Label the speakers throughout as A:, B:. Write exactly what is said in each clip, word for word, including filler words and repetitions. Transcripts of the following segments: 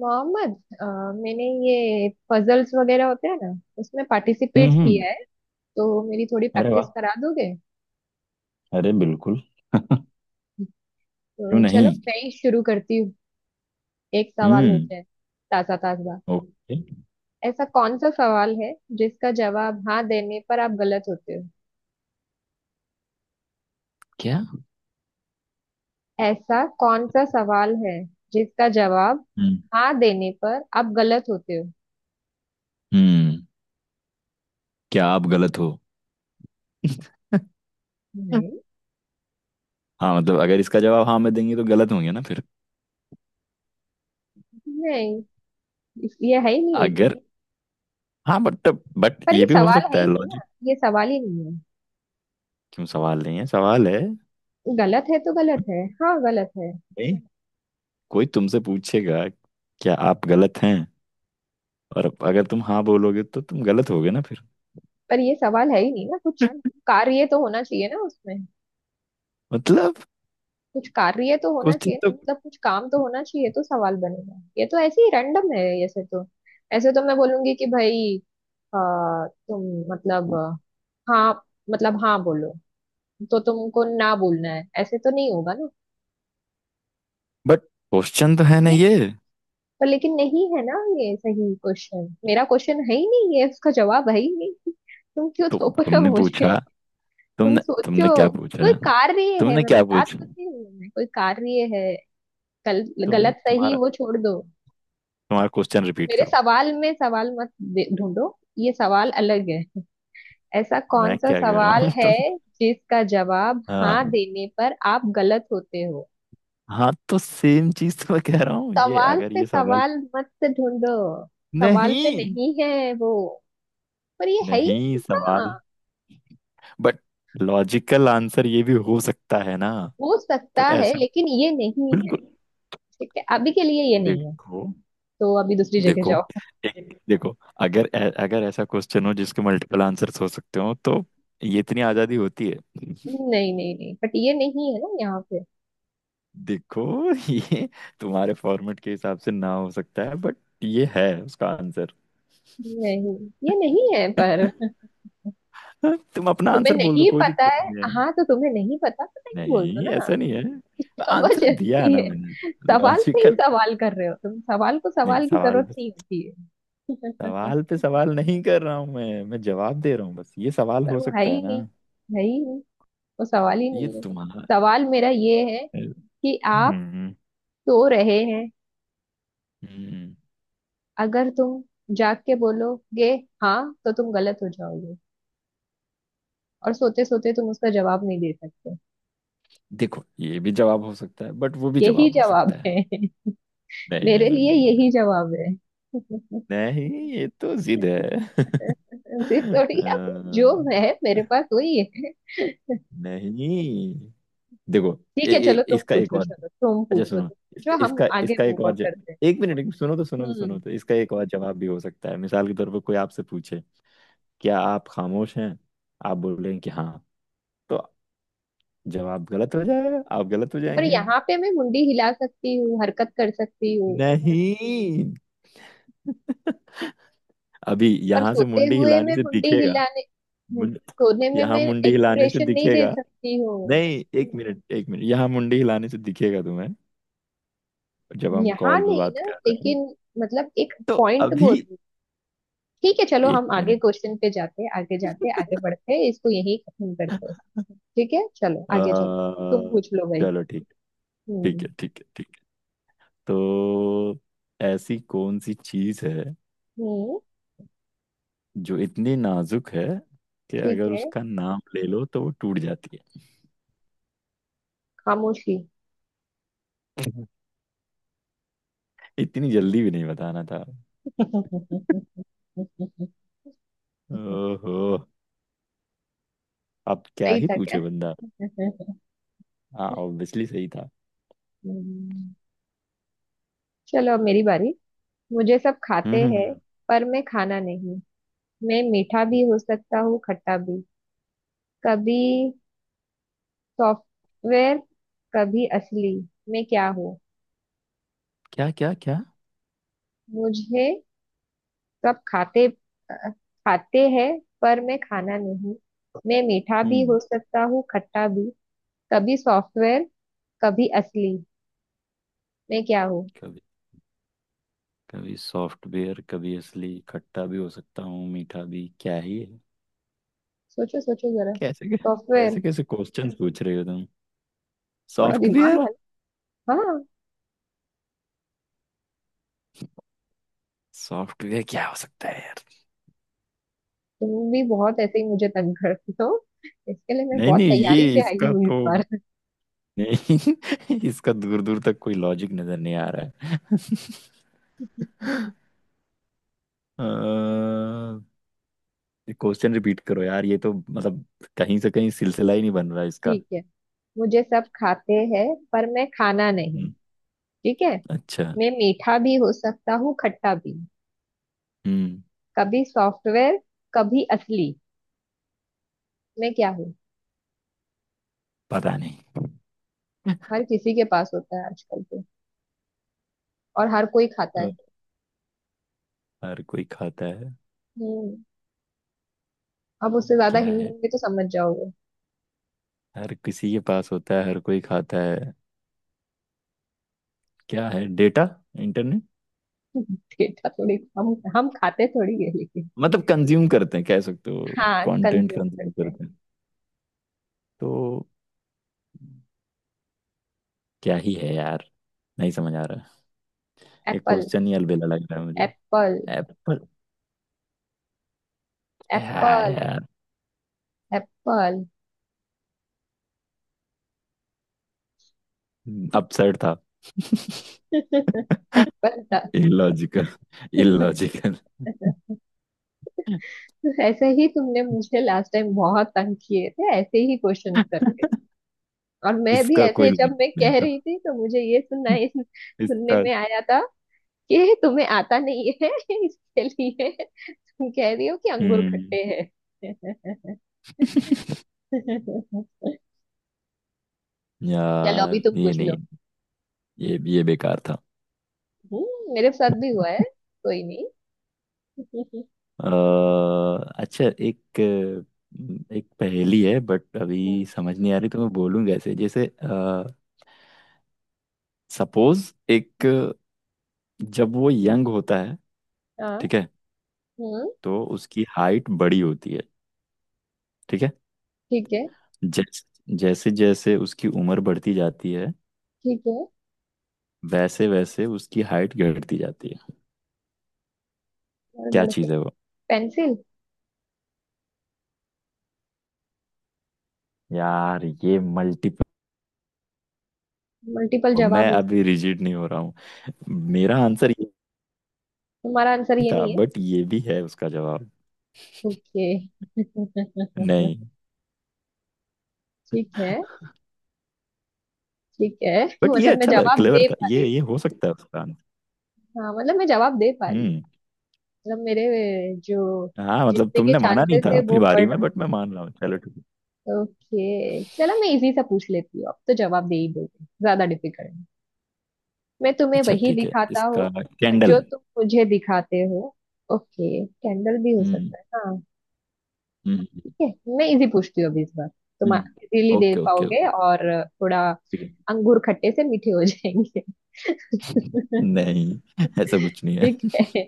A: मोहम्मद, अ, मैंने ये पजल्स वगैरह होते हैं ना, उसमें
B: हम्म
A: पार्टिसिपेट
B: हम्म।
A: किया है। तो मेरी थोड़ी
B: अरे
A: प्रैक्टिस
B: वाह!
A: करा दोगे?
B: अरे बिल्कुल! क्यों
A: तो चलो
B: नहीं!
A: मैं ही शुरू करती हूँ। एक सवाल हो
B: हम्म।
A: जाए, ताजा ताजा।
B: ओके।
A: ऐसा कौन सा सवाल है जिसका जवाब हाँ देने पर आप गलत होते हो?
B: क्या?
A: ऐसा कौन सा सवाल है जिसका जवाब
B: हम्म
A: हाँ देने पर आप गलत होते हो?
B: हम्म। क्या आप गलत हो?
A: नहीं।
B: हाँ, मतलब अगर इसका जवाब हाँ में देंगे तो गलत होंगे ना फिर।
A: नहीं, इस- ये है ही नहीं लेकिन।
B: अगर हाँ, बट बट
A: पर
B: ये
A: ये
B: भी हो
A: सवाल है
B: सकता
A: ही
B: है
A: नहीं ना।
B: लॉजिक।
A: ये सवाल ही नहीं है।
B: क्यों सवाल नहीं है? सवाल है।
A: गलत है तो गलत है, हाँ गलत है।
B: नहीं, कोई तुमसे पूछेगा, क्या आप गलत हैं? और अगर तुम हाँ बोलोगे तो तुम गलत होगे ना फिर।
A: पर ये सवाल है ही नहीं ना। कुछ कार्य तो होना चाहिए ना उसमें।
B: मतलब
A: कुछ कार्य तो होना
B: क्वेश्चन
A: चाहिए ना।
B: तो...
A: मतलब कुछ काम तो होना चाहिए तो सवाल बनेगा। ये तो ऐसे ही रैंडम है। ऐसे तो, ऐसे तो मैं बोलूंगी कि भाई, आ, तुम, मतलब, हाँ, मतलब हाँ बोलो तो तुमको ना बोलना है, ऐसे तो नहीं होगा ना।
B: बट क्वेश्चन तो है ना
A: ये,
B: ये।
A: पर लेकिन नहीं है ना। ये सही क्वेश्चन, मेरा क्वेश्चन है ही नहीं, ये उसका जवाब है ही नहीं। तुम क्यों
B: तो
A: थोप रहे हो
B: तुमने
A: मुझे?
B: पूछा,
A: तुम
B: तुमने तुमने
A: सोचो,
B: क्या
A: कोई
B: पूछा?
A: कार्य है,
B: तुमने
A: मैं
B: क्या
A: बता
B: पूछा?
A: तो रही हूँ, मैं कोई कार्य है, गल,
B: तुम
A: गलत सही
B: तुम्हारा,
A: वो छोड़ दो।
B: तुम्हारा क्वेश्चन रिपीट
A: मेरे
B: करो।
A: सवाल में सवाल मत दे- ढूंढो। ये सवाल अलग है। ऐसा
B: मैं
A: कौन सा
B: क्या कह रहा
A: सवाल
B: हूँ
A: है
B: तुम?
A: जिसका जवाब हाँ
B: हाँ।
A: देने पर आप गलत होते हो?
B: हाँ, तो सेम चीज तो मैं कह रहा हूँ, ये
A: सवाल
B: अगर
A: पे
B: ये सवाल...
A: सवाल मत ढूंढो। सवाल पे
B: नहीं।
A: नहीं है वो, पर ये है
B: नहीं
A: ही।
B: सवाल।
A: हाँ,
B: बट लॉजिकल आंसर ये भी हो सकता है ना।
A: हो सकता
B: तो
A: है
B: ऐसा...
A: लेकिन ये नहीं है।
B: बिल्कुल।
A: ठीक है, अभी के लिए ये नहीं है,
B: देखो,
A: तो अभी दूसरी जगह
B: देखो,
A: जाओ।
B: एक देखो, अगर ऐ- अगर ऐसा क्वेश्चन हो जिसके मल्टीपल आंसर्स हो सकते हो, तो ये इतनी आजादी होती है।
A: नहीं नहीं नहीं, बट ये नहीं है ना यहाँ पे।
B: देखो ये तुम्हारे फॉर्मेट के हिसाब से ना हो सकता है, बट ये है उसका आंसर।
A: नहीं, ये नहीं है पर।
B: हाँ, तुम अपना
A: तुम्हें
B: आंसर बोल दो,
A: नहीं
B: कोई
A: पता
B: दिक्कत
A: है।
B: नहीं है।
A: हाँ तो तुम्हें नहीं पता तो नहीं बोल दो
B: नहीं,
A: ना।
B: ऐसा नहीं है। आंसर दिया है
A: जबरदस्ती
B: ना
A: है।
B: मैंने।
A: सवाल पे ही
B: लॉजिकल।
A: सवाल कर रहे हो तुम, सवाल को
B: नहीं,
A: सवाल की
B: सवाल
A: जरूरत
B: पे...
A: नहीं होती है।
B: सवाल पे सवाल नहीं कर रहा हूँ मैं मैं जवाब दे रहा हूँ बस, ये सवाल
A: पर
B: हो
A: वो है
B: सकता है
A: ही
B: ना।
A: नहीं, है ही नहीं, वो सवाल ही
B: ये
A: नहीं है।
B: तुम्हारा...
A: सवाल मेरा ये है कि आप
B: हम्म
A: सो रहे हैं।
B: हम्म।
A: अगर तुम जाग के बोलोगे हाँ, तो तुम गलत हो जाओगे। और सोते सोते तुम उसका जवाब नहीं दे सकते।
B: देखो, ये भी जवाब हो सकता है, बट वो भी
A: यही
B: जवाब हो
A: जवाब
B: सकता है।
A: है।
B: नहीं नहीं
A: मेरे
B: नहीं
A: लिए
B: नहीं
A: यही
B: नहीं!
A: जवाब है।
B: नहीं नहीं, ये तो जिद है।
A: जी थोड़ी आप, जो है
B: अ,
A: मेरे पास वही है।
B: नहीं, देखो। ए,
A: ठीक है,
B: ए,
A: चलो तुम
B: इसका एक
A: पूछो,
B: और...
A: चलो तुम
B: अच्छा
A: पूछो,
B: सुनो,
A: तुम
B: इसका
A: पूछो, हम
B: इसका
A: आगे
B: इसका
A: मूव
B: एक
A: ऑन
B: और ज...
A: करते हैं।
B: एक मिनट। एक- सुनो तो सुनो तो सुनो
A: हम्म।
B: तो, इसका एक और जवाब भी हो सकता है। मिसाल के तौर पर कोई आपसे पूछे, क्या आप खामोश हैं? आप बोलेंगे कि हाँ, तो जवाब गलत हो जाएगा, आप गलत हो
A: पर
B: जाएंगे।
A: यहाँ पे मैं मुंडी हिला सकती हूँ, हरकत कर सकती हूँ।
B: नहीं, अभी
A: पर
B: यहाँ से
A: सोते
B: मुंडी
A: हुए
B: हिलाने
A: मैं
B: से
A: मुंडी
B: दिखेगा।
A: हिलाने, हम्म,
B: मुंड,
A: सोने में
B: यहाँ
A: मैं
B: मुंडी हिलाने से
A: एक्सप्रेशन नहीं दे
B: दिखेगा।
A: सकती हूँ।
B: नहीं, एक मिनट एक मिनट, यहाँ मुंडी हिलाने से दिखेगा तुम्हें, जब हम
A: यहाँ
B: कॉल पे
A: नहीं
B: बात
A: ना
B: कर रहे हैं।
A: लेकिन, मतलब एक
B: तो
A: पॉइंट
B: अभी...
A: बोल रही हूँ। ठीक है, चलो
B: एक
A: हम आगे
B: मिनट।
A: क्वेश्चन पे जाते, आगे जाते, आगे बढ़ते, इसको यही खत्म
B: अ,
A: करते। ठीक है, चलो आगे चलो। तुम पूछ लो भाई।
B: चलो ठीक। ठीक
A: हम्म
B: है, ठीक है, ठीक है। तो ऐसी कौन सी चीज है
A: हम्म।
B: जो इतनी नाजुक है कि
A: ठीक
B: अगर
A: है।
B: उसका नाम ले लो तो वो टूट जाती है?
A: खामोशी।
B: इतनी जल्दी भी नहीं बताना था। ओहो, अब क्या
A: सही
B: ही
A: था क्या?
B: पूछे बंदा। हाँ, ऑब्वियसली सही था।
A: हम्म, चलो अब मेरी बारी। मुझे सब
B: हम्म
A: खाते
B: हम्म,
A: हैं
B: हम्म।
A: पर मैं खाना नहीं। मैं मीठा भी हो सकता हूँ खट्टा भी। कभी सॉफ्टवेयर, कभी असली। मैं क्या हूँ?
B: क्या क्या क्या?
A: मुझे सब खाते, अ, खाते हैं पर मैं खाना नहीं। मैं मीठा भी हो
B: हम्म।
A: सकता हूँ खट्टा भी। कभी सॉफ्टवेयर, कभी असली। मैं क्या हूँ?
B: कभी, कभी सॉफ्टवेयर कभी असली, खट्टा भी हो सकता हूँ मीठा भी, क्या ही है?
A: सोचो सोचो जरा।
B: कैसे
A: सॉफ्टवेयर,
B: कैसे कैसे क्वेश्चन पूछ रहे हो तुम?
A: थोड़ा दिमाग
B: सॉफ्टवेयर।
A: वाला। हाँ।
B: सॉफ्टवेयर क्या हो सकता है यार?
A: तुम भी बहुत ऐसे ही मुझे तंग करती हो, इसके लिए मैं
B: नहीं
A: बहुत
B: नहीं, ये
A: तैयारी से आई
B: इसका
A: हूँ इस
B: तो...
A: बार।
B: नहीं इसका दूर दूर तक कोई लॉजिक नजर नहीं आ रहा है। क्वेश्चन रिपीट करो यार, ये तो मतलब कहीं से कहीं सिलसिला ही नहीं बन रहा इसका।
A: ठीक है, मुझे सब खाते हैं पर मैं खाना नहीं।
B: हम्म,
A: ठीक है।
B: अच्छा।
A: मैं मीठा भी हो सकता हूँ खट्टा भी।
B: हम्म।
A: कभी सॉफ्टवेयर, कभी असली। मैं क्या हूँ?
B: पता नहीं।
A: हर किसी के पास होता है आजकल तो, और हर कोई खाता
B: अ,
A: है।
B: हर कोई खाता है?
A: हम्म। अब उससे ज्यादा
B: क्या
A: हिंट
B: है?
A: दूंगी तो समझ जाओगे।
B: हर किसी के पास होता है, हर कोई खाता है, क्या है? डेटा? इंटरनेट?
A: डेटा थोड़ी हम हम खाते थोड़ी है लेकिन।
B: मतलब कंज्यूम करते हैं, कह सकते हो।
A: हाँ,
B: कंटेंट
A: कंज्यूम
B: कंज्यूम
A: करते हैं।
B: करते हैं। तो क्या ही है यार, नहीं समझ आ रहा। ये
A: एप्पल।
B: क्वेश्चन ही अलबेला लग रहा है मुझे।
A: एप्पल।
B: एप्पल? क्या है
A: एप्पल।
B: यार?
A: एप्पल।
B: अपसेट था।
A: एप्पल था।
B: Illogical, illogical.
A: ऐसे ही तुमने मुझे लास्ट टाइम बहुत तंग किए थे, ऐसे ही क्वेश्चन करके। और मैं भी
B: इसका कोई
A: ऐसे, जब
B: लॉजिक
A: मैं
B: नहीं
A: कह
B: था
A: रही थी तो मुझे ये सुनना, सुनने
B: इसका।
A: में आया था कि तुम्हें आता नहीं है। इसके लिए तुम कह रही हो कि अंगूर
B: हम्म।
A: खट्टे हैं। चलो अभी
B: यार,
A: तुम
B: ये
A: पूछ लो।
B: नहीं, ये ये बेकार था।
A: हम्म, मेरे साथ भी हुआ है। कोई नहीं।
B: अ, अच्छा, एक, एक पहेली है बट
A: हम्म।
B: अभी समझ नहीं आ रही तो मैं बोलूँ कैसे, जैसे सपोज एक, जब वो यंग होता है,
A: हाँ।
B: ठीक है,
A: हम्म।
B: तो उसकी हाइट बड़ी होती है, ठीक है,
A: ठीक है।
B: जैसे जैसे जैसे उसकी उम्र बढ़ती जाती है,
A: ठीक है।
B: वैसे वैसे उसकी हाइट घटती जाती है,
A: और
B: क्या
A: बढ़ते।
B: चीज़ है वो?
A: पेंसिल।
B: यार, ये मल्टीपल...
A: मल्टीपल जवाब
B: मैं
A: हो सकते।
B: अभी रिजिड नहीं हो रहा हूँ। मेरा आंसर ये
A: तुम्हारा आंसर
B: नहीं
A: ये
B: था
A: नहीं है।
B: बट ये भी है उसका जवाब।
A: ओके।
B: नहीं,
A: ठीक है। ठीक है।
B: बट ये
A: मतलब मैं
B: अच्छा था,
A: जवाब
B: क्लेवर
A: दे
B: था,
A: पा
B: ये
A: रही
B: ये हो सकता है उसका आंसर।
A: हूँ, हाँ, मतलब मैं जवाब दे पा रही हूँ।
B: हम्म।
A: मतलब मेरे जो
B: हाँ, मतलब
A: जीतने के
B: तुमने माना नहीं
A: चांसेस
B: था
A: है
B: अपनी
A: वो
B: बारी
A: बढ़
B: में बट मैं मान रहा हूँ, चलो ठीक है।
A: रहे। ओके चलो मैं इजी सा पूछ लेती हूँ, अब तो जवाब दे ही दोगे, ज्यादा डिफिकल्ट। मैं तुम्हें
B: अच्छा
A: वही
B: ठीक है,
A: दिखाता
B: इसका...
A: हूँ
B: कैंडल
A: जो
B: है?
A: तुम मुझे दिखाते हो। ओके कैंडल भी हो
B: हम्म
A: सकता है, हाँ।
B: हम्म
A: ठीक है मैं इजी पूछती हूँ अभी इस बार,
B: हम्म
A: तुम इजीली
B: हम्म।
A: दे
B: ओके ओके
A: पाओगे
B: ओके।
A: और थोड़ा।
B: ठीक है।
A: अंगूर खट्टे से मीठे हो जाएंगे।
B: नहीं ऐसा कुछ नहीं है।
A: ठीक है।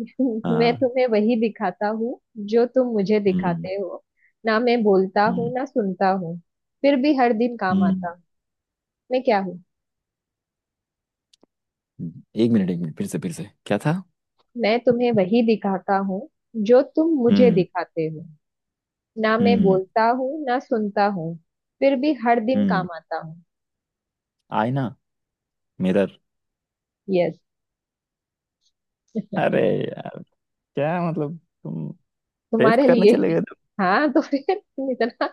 A: मैं
B: हाँ।
A: तुम्हें वही दिखाता हूँ जो तुम मुझे
B: हम्म
A: दिखाते हो। ना मैं बोलता हूँ
B: हम्म
A: ना सुनता हूँ, फिर भी हर दिन काम
B: हम्म
A: आता हूँ। मैं क्या हूँ?
B: हम्म। एक मिनट एक मिनट, फिर से फिर से क्या था?
A: मैं तुम्हें वही दिखाता हूँ जो तुम मुझे
B: हम्म
A: दिखाते हो। ना मैं
B: हम्म
A: बोलता हूँ ना सुनता हूँ, फिर भी हर दिन
B: हम्म।
A: काम आता हूँ।
B: आईना। मिरर।
A: यस।
B: अरे यार, क्या मतलब, तुम टेस्ट
A: तुम्हारे
B: करने
A: लिए।
B: चले गए थे?
A: हाँ तो फिर तुम इतना।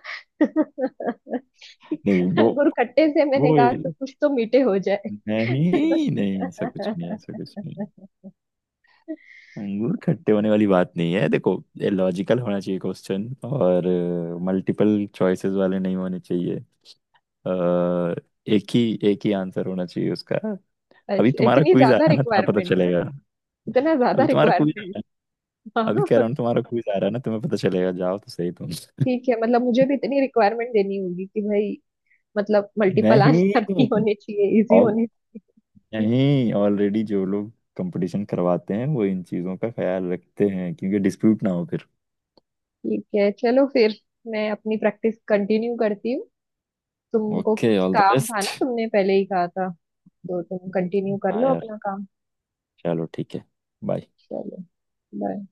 B: नहीं, वो...
A: गुड़ खट्टे से मैंने
B: वो,
A: कहा कि कुछ तो मीठे हो जाए।
B: नहीं नहीं, ऐसा कुछ नहीं, ऐसा कुछ नहीं। अंगूर खट्टे होने वाली बात नहीं है, देखो ये लॉजिकल होना चाहिए क्वेश्चन, और मल्टीपल चॉइसेस वाले नहीं होने चाहिए। अ, एक ही एक ही आंसर होना चाहिए उसका। अभी
A: अच्छा
B: तुम्हारा
A: इतनी
B: क्विज आ
A: ज्यादा
B: रहा है ना, तुम्हें पता
A: रिक्वायरमेंट,
B: चलेगा।
A: इतना ज्यादा
B: अभी तुम्हारा क्विज आ
A: रिक्वायरमेंट।
B: रहा है। अभी
A: हाँ।
B: कह रहा हूँ, तुम्हारा क्विज आ रहा है ना, तुम्हें पता चलेगा, जाओ तो सही तुम।
A: ठीक है, मतलब मुझे भी इतनी रिक्वायरमेंट देनी होगी कि भाई, मतलब मल्टीपल आंसर भी
B: नहीं।
A: होने चाहिए, इजी
B: और
A: होने।
B: नहीं, ऑलरेडी जो लोग कंपटीशन करवाते हैं वो इन चीजों का ख्याल रखते हैं, क्योंकि डिस्प्यूट ना हो फिर।
A: ठीक है चलो फिर, मैं अपनी प्रैक्टिस कंटिन्यू करती हूँ। तुमको
B: ओके,
A: कुछ
B: ऑल द
A: काम था
B: बेस्ट।
A: ना, तुमने पहले ही कहा था, तो तुम कंटिन्यू कर
B: हाँ
A: लो
B: यार,
A: अपना काम।
B: चलो ठीक है, बाय।
A: चलो। बाय।